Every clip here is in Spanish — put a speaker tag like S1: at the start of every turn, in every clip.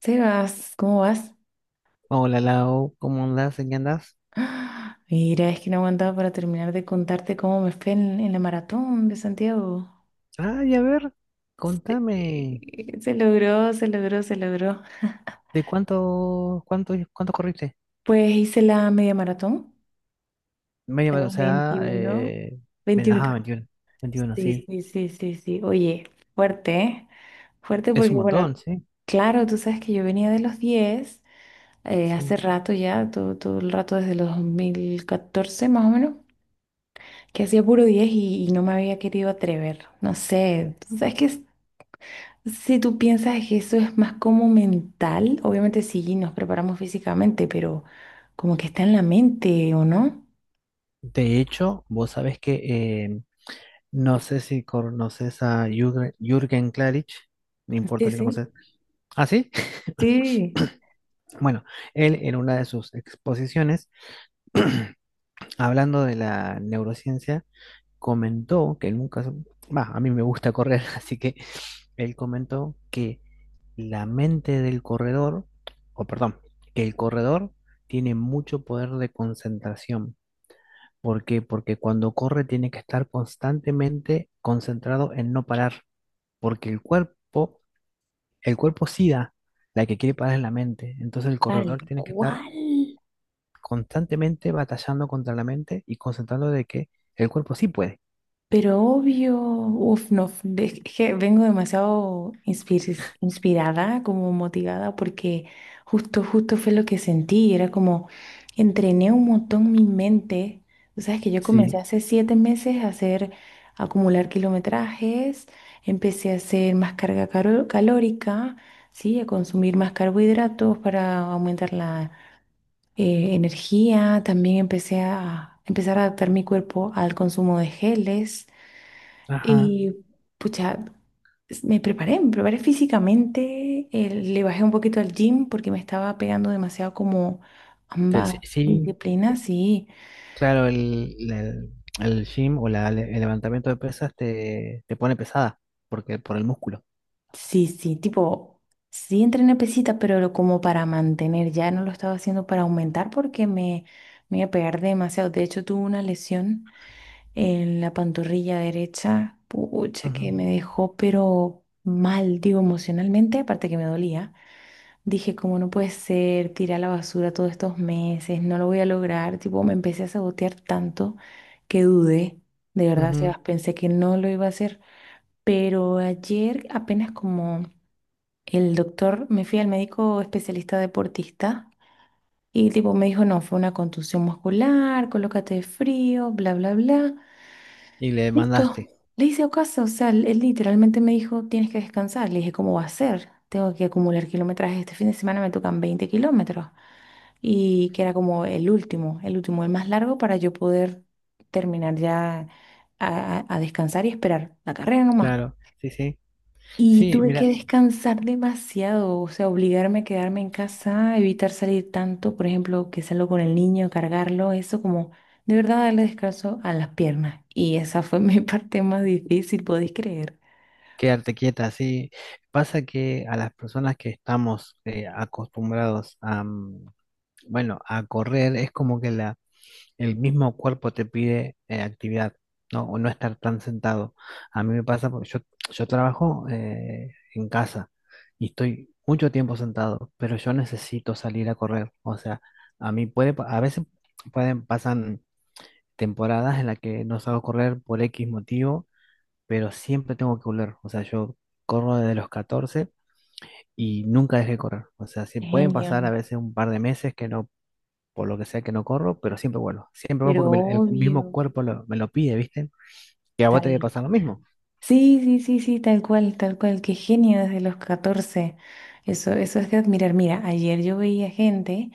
S1: Sebas, ¿cómo vas?
S2: Hola Lau, ¿cómo andás? ¿En qué andás?
S1: ¡Ah! Mira, es que no aguantaba para terminar de contarte cómo me fue en la maratón de Santiago.
S2: Ah, y a ver, contame,
S1: Se logró, se logró, se logró.
S2: ¿de cuánto, cuánto corriste?
S1: Pues hice la media maratón,
S2: Media maratón, o
S1: la
S2: sea,
S1: 21,
S2: ajá,
S1: 21K.
S2: 21, 21,
S1: Sí,
S2: sí.
S1: sí, sí, sí, sí. Oye, fuerte, ¿eh? Fuerte
S2: Es
S1: porque,
S2: un
S1: bueno,
S2: montón, sí,
S1: claro, tú sabes que yo venía de los 10
S2: sí.
S1: hace rato ya, todo el rato desde los 2014 más o menos. Que hacía puro 10 y no me había querido atrever. No sé, tú sabes que si tú piensas que eso es más como mental, obviamente sí nos preparamos físicamente, pero como que está en la mente, ¿o no?
S2: De hecho, vos sabés que eh, no sé si conoces a Jürgen, Jürgen Klarich, no
S1: Sí,
S2: importa si no
S1: sí.
S2: conoces. Ah, sí.
S1: Sí,
S2: Bueno, él en una de sus exposiciones, hablando de la neurociencia, comentó que nunca, va, a mí me gusta correr, así que él comentó que la mente del corredor, o perdón, que el corredor tiene mucho poder de concentración. ¿Por qué? Porque cuando corre tiene que estar constantemente concentrado en no parar, porque el cuerpo sí da, la que quiere parar es la mente. Entonces el
S1: tal
S2: corredor tiene que estar
S1: cual.
S2: constantemente batallando contra la mente y concentrando de que el cuerpo sí puede.
S1: Pero obvio, uf, no, es que vengo demasiado inspirada, como motivada, porque justo, justo fue lo que sentí. Era como, entrené un montón mi mente. Tú sabes que yo comencé
S2: Sí,
S1: hace 7 meses a acumular kilometrajes, empecé a hacer más carga calórica, ¿sí? A consumir más carbohidratos para aumentar la energía. También empecé a empezar a adaptar mi cuerpo al consumo de geles.
S2: ajá.
S1: Y pucha, me preparé físicamente, le bajé un poquito al gym porque me estaba pegando demasiado como
S2: Te-
S1: ambas
S2: Sí, sí,
S1: disciplinas, sí,
S2: Claro, el gym o el levantamiento de pesas te pone pesada porque por el músculo.
S1: sí, sí, tipo, sí entrené pesita, pero como para mantener, ya no lo estaba haciendo para aumentar porque me iba a pegar demasiado. De hecho, tuve una lesión en la pantorrilla derecha, pucha, que
S2: Ujú,
S1: me dejó pero mal, digo, emocionalmente, aparte que me dolía. Dije, ¿cómo no puede ser? Tirar a la basura todos estos meses, no lo voy a lograr. Tipo, me empecé a sabotear tanto que dudé. De verdad, Sebas,
S2: ujú.
S1: pensé que no lo iba a hacer. Pero ayer, apenas como el doctor, me fui al médico especialista deportista y tipo me dijo, no, fue una contusión muscular, colócate de frío, bla, bla, bla.
S2: Y le
S1: Listo.
S2: demandaste
S1: Le hice caso, o sea, él literalmente me dijo, tienes que descansar. Le dije, ¿cómo va a ser? Tengo que acumular kilometraje. Este fin de semana me tocan 20 kilómetros y que era como el último, el último, el más largo para yo poder terminar ya a descansar y esperar la carrera nomás.
S2: claro, sí, sí.
S1: Y
S2: Sí,
S1: tuve que
S2: mira,
S1: descansar demasiado, o sea, obligarme a quedarme en casa, evitar salir tanto, por ejemplo, que salgo con el niño, cargarlo, eso como de verdad darle descanso a las piernas. Y esa fue mi parte más difícil, podéis creer.
S2: quedarte quieta, sí. Pasa que a las personas que estamos acostumbrados a, bueno, a correr, es como que el mismo cuerpo te pide actividad, ¿no? O no estar tan sentado. A mí me pasa porque yo trabajo en casa y estoy mucho tiempo sentado, pero yo necesito salir a correr. O sea, a mí a veces pasan temporadas en las que no salgo a correr por X motivo, pero siempre tengo que volver. O sea, yo corro desde los 14 y nunca dejé de correr. O sea, sí pueden pasar a
S1: Genio,
S2: veces un par de meses que no por lo que sea que no corro, pero siempre vuelvo. Siempre vuelvo
S1: pero
S2: porque el mismo
S1: obvio,
S2: cuerpo me lo pide, ¿viste? Que a vos te
S1: tal
S2: debe pasar lo mismo.
S1: sí, sí, sí, sí, tal cual, tal cual. Qué genio desde los 14. Eso, eso es de admirar. Mira, ayer yo veía gente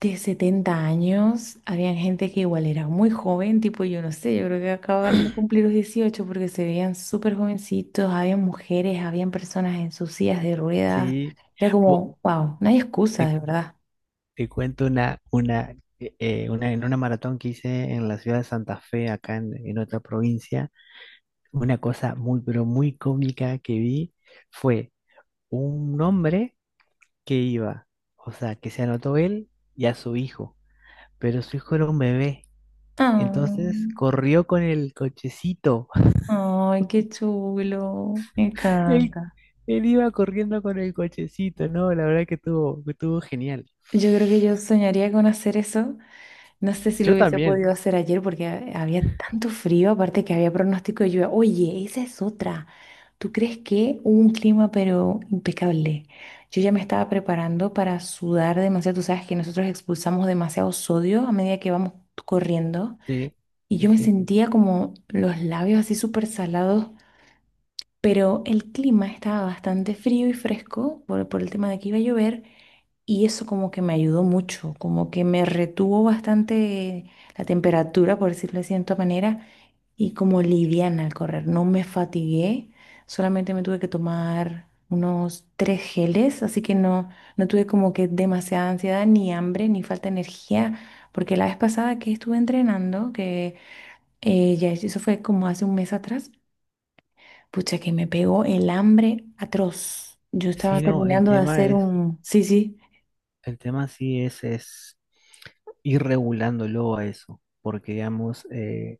S1: de 70 años, había gente que igual era muy joven, tipo yo no sé, yo creo que acaban de cumplir los 18, porque se veían súper jovencitos, había mujeres, habían personas en sus sillas de ruedas.
S2: Sí.
S1: Era
S2: Vos-
S1: como, wow, no hay excusa,
S2: te,
S1: de verdad.
S2: te cuento una, en una maratón que hice en la ciudad de Santa Fe, en otra provincia, una cosa muy, pero muy cómica que vi fue un hombre que iba, o sea, que se anotó él y a su hijo, pero su hijo era un bebé. Entonces corrió con el cochecito.
S1: Ah, ay, qué chulo, me
S2: Él,
S1: encanta.
S2: él iba corriendo con el cochecito, ¿no? La verdad que que estuvo genial.
S1: Yo creo que yo soñaría con hacer eso. No sé si lo
S2: Yo
S1: hubiese
S2: también,
S1: podido hacer ayer porque había tanto frío, aparte que había pronóstico de lluvia. Oye, esa es otra. ¿Tú crees que hubo un clima pero impecable? Yo ya me estaba preparando para sudar demasiado. Tú sabes que nosotros expulsamos demasiado sodio a medida que vamos corriendo.
S2: sí,
S1: Y
S2: sí,
S1: yo me
S2: sí.
S1: sentía como los labios así súper salados, pero el clima estaba bastante frío y fresco por el tema de que iba a llover. Y eso como que me ayudó mucho, como que me retuvo bastante la temperatura, por decirlo de cierta manera, y como liviana al correr. No me fatigué, solamente me tuve que tomar unos tres geles, así que no tuve como que demasiada ansiedad, ni hambre, ni falta de energía, porque la vez pasada que estuve entrenando, que ya eso fue como hace un mes atrás, pucha que me pegó el hambre atroz. Yo estaba
S2: Sí, no,
S1: terminando de hacer un... Sí, sí.
S2: el tema sí es ir regulándolo a eso, porque digamos,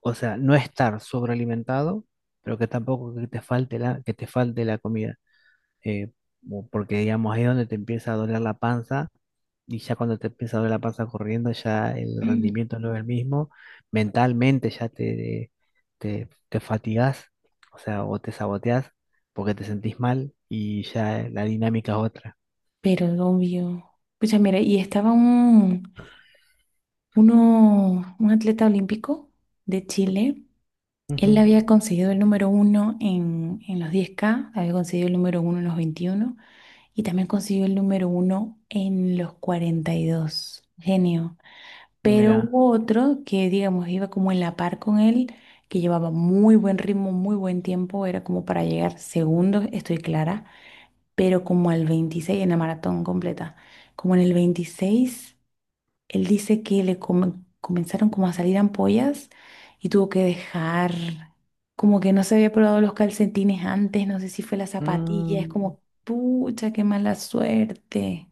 S2: o sea, no estar sobrealimentado, pero que tampoco que te falte que te falte la comida. eh, o porque digamos ahí es donde te empieza a doler la panza y ya cuando te empieza a doler la panza corriendo ya el rendimiento no es el mismo, mentalmente ya te fatigás, o sea, o te saboteás porque te sentís mal y ya la dinámica es otra.
S1: Pero obvio. Pucha, mira, y estaba un atleta olímpico de Chile. Él
S2: Ujú,
S1: había conseguido el número uno en los 10K, había conseguido el número uno en los 21 y también consiguió el número uno en los 42. Genio. Pero
S2: mira,
S1: hubo otro que, digamos, iba como en la par con él, que llevaba muy buen ritmo, muy buen tiempo, era como para llegar segundo, estoy clara, pero como al 26 en la maratón completa, como en el 26, él dice que le comenzaron como a salir ampollas y tuvo que dejar, como que no se había probado los calcetines antes, no sé si fue la zapatilla, es
S2: mm,
S1: como, pucha, qué mala suerte.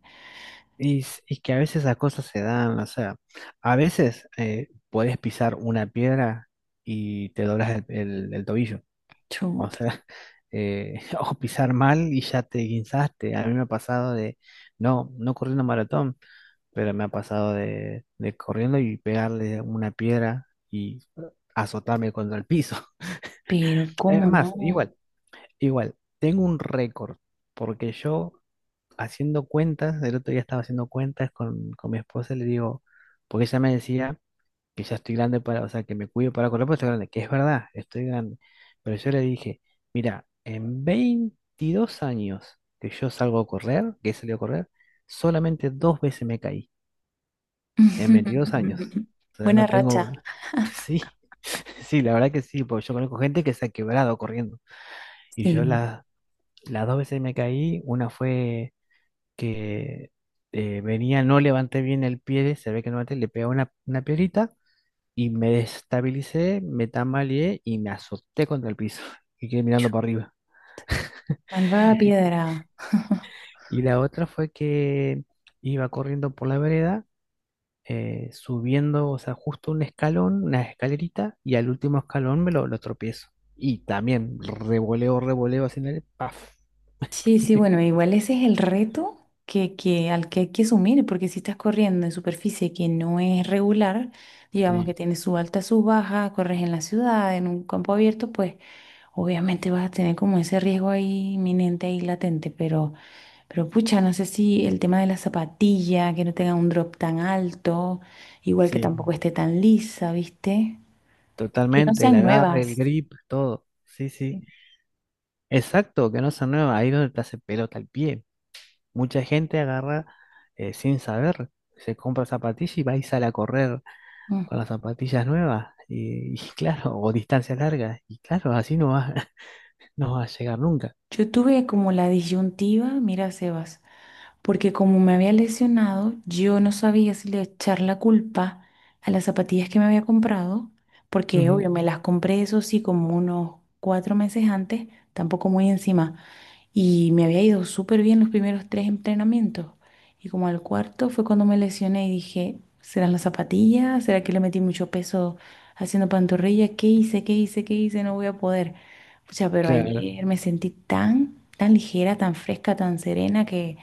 S2: y, y que a veces las cosas se dan, o sea, a veces podés pisar una piedra y te doblas el tobillo. O
S1: Chuta,
S2: sea, o pisar mal y ya te guinzaste. A mí me ha pasado de, no, no corriendo maratón, pero me ha pasado de corriendo y pegarle una piedra y azotarme contra el piso.
S1: pero
S2: Es
S1: cómo no.
S2: más, igual, igual, tengo un récord, porque yo haciendo cuentas, el otro día estaba haciendo cuentas con mi esposa, le digo, porque ella me decía que ya estoy grande para, o sea, que me cuido para correr, porque estoy grande, que es verdad, estoy grande. Pero yo le dije, mira, en 22 años que yo salgo a correr, que he salido a correr, solamente dos veces me caí, en 22 años. O sea,
S1: Buena
S2: no tengo,
S1: racha.
S2: sí, sí, la verdad que sí, porque yo conozco gente que se ha quebrado corriendo. Y
S1: Sí.
S2: las dos veces me caí, una fue que venía, no levanté bien el pie, se ve que no levanté, le pegó una piedrita y me destabilicé, me tambaleé y me azoté contra el piso y quedé
S1: Chu,
S2: mirando para arriba.
S1: malvada
S2: Y,
S1: piedra.
S2: y la otra fue que iba corriendo por la vereda, subiendo, o sea, justo un escalón, una escalerita, y al último escalón lo tropiezo. Y también revoleo, revoleo así el ¡paf!
S1: Sí, sí, bueno, igual ese es el reto al que hay que asumir, porque si estás corriendo en superficie que no es regular, digamos
S2: Sí,
S1: que tiene su alta, su baja, corres en la ciudad, en un campo abierto, pues obviamente vas a tener como ese riesgo ahí inminente, ahí latente, pero, pucha, no sé si el tema de la zapatilla, que no tenga un drop tan alto, igual que
S2: sí,
S1: tampoco esté tan lisa, ¿viste? Que no
S2: totalmente, el
S1: sean, sí,
S2: agarre, el
S1: nuevas.
S2: grip, todo. Sí, sí. Exacto, que no se mueva, ahí donde te hace pelota el pie. Mucha gente agarra sin saber, se compra zapatillas y va y sale a correr con las zapatillas nuevas. Y claro, o distancias largas. Y claro, así no va, no va a llegar nunca.
S1: Yo tuve como la disyuntiva, mira, Sebas, porque como me había lesionado, yo no sabía si le echar la culpa a las zapatillas que me había comprado, porque
S2: Ujú,
S1: obvio, me las compré eso sí como unos 4 meses antes, tampoco muy encima. Y me había ido súper bien los primeros tres entrenamientos. Y como al cuarto fue cuando me lesioné y dije, ¿serán las zapatillas? ¿Será que le metí mucho peso haciendo pantorrilla? ¿Qué hice? ¿Qué hice? ¿Qué hice? No voy a poder. Pucha, pero
S2: claro,
S1: ayer me sentí tan, tan ligera, tan fresca, tan serena que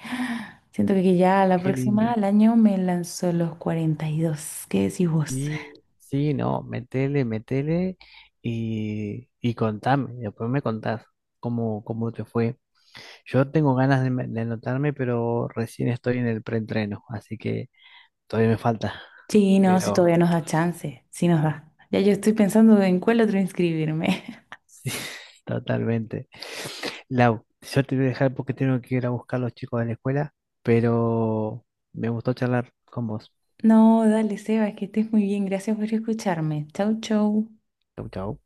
S1: siento que ya la
S2: qué
S1: próxima,
S2: lindo.
S1: al año, me lanzo los 42. ¿Qué decís vos?
S2: Sí, sí, no, metele, metele y contame. Después me contás cómo, cómo te fue. Yo tengo ganas de anotarme, pero recién estoy en el preentreno, así que todavía me falta.
S1: Sí, no, si
S2: Pero.
S1: todavía nos da chance, sí nos da. Ya yo estoy pensando en cuál otro inscribirme.
S2: Sí, totalmente. Lau, yo te voy a dejar porque tengo que ir a buscar a los chicos de la escuela, pero me gustó charlar con vos.
S1: No, dale, Seba, que estés muy bien. Gracias por escucharme. Chau, chau.
S2: Chau, chau.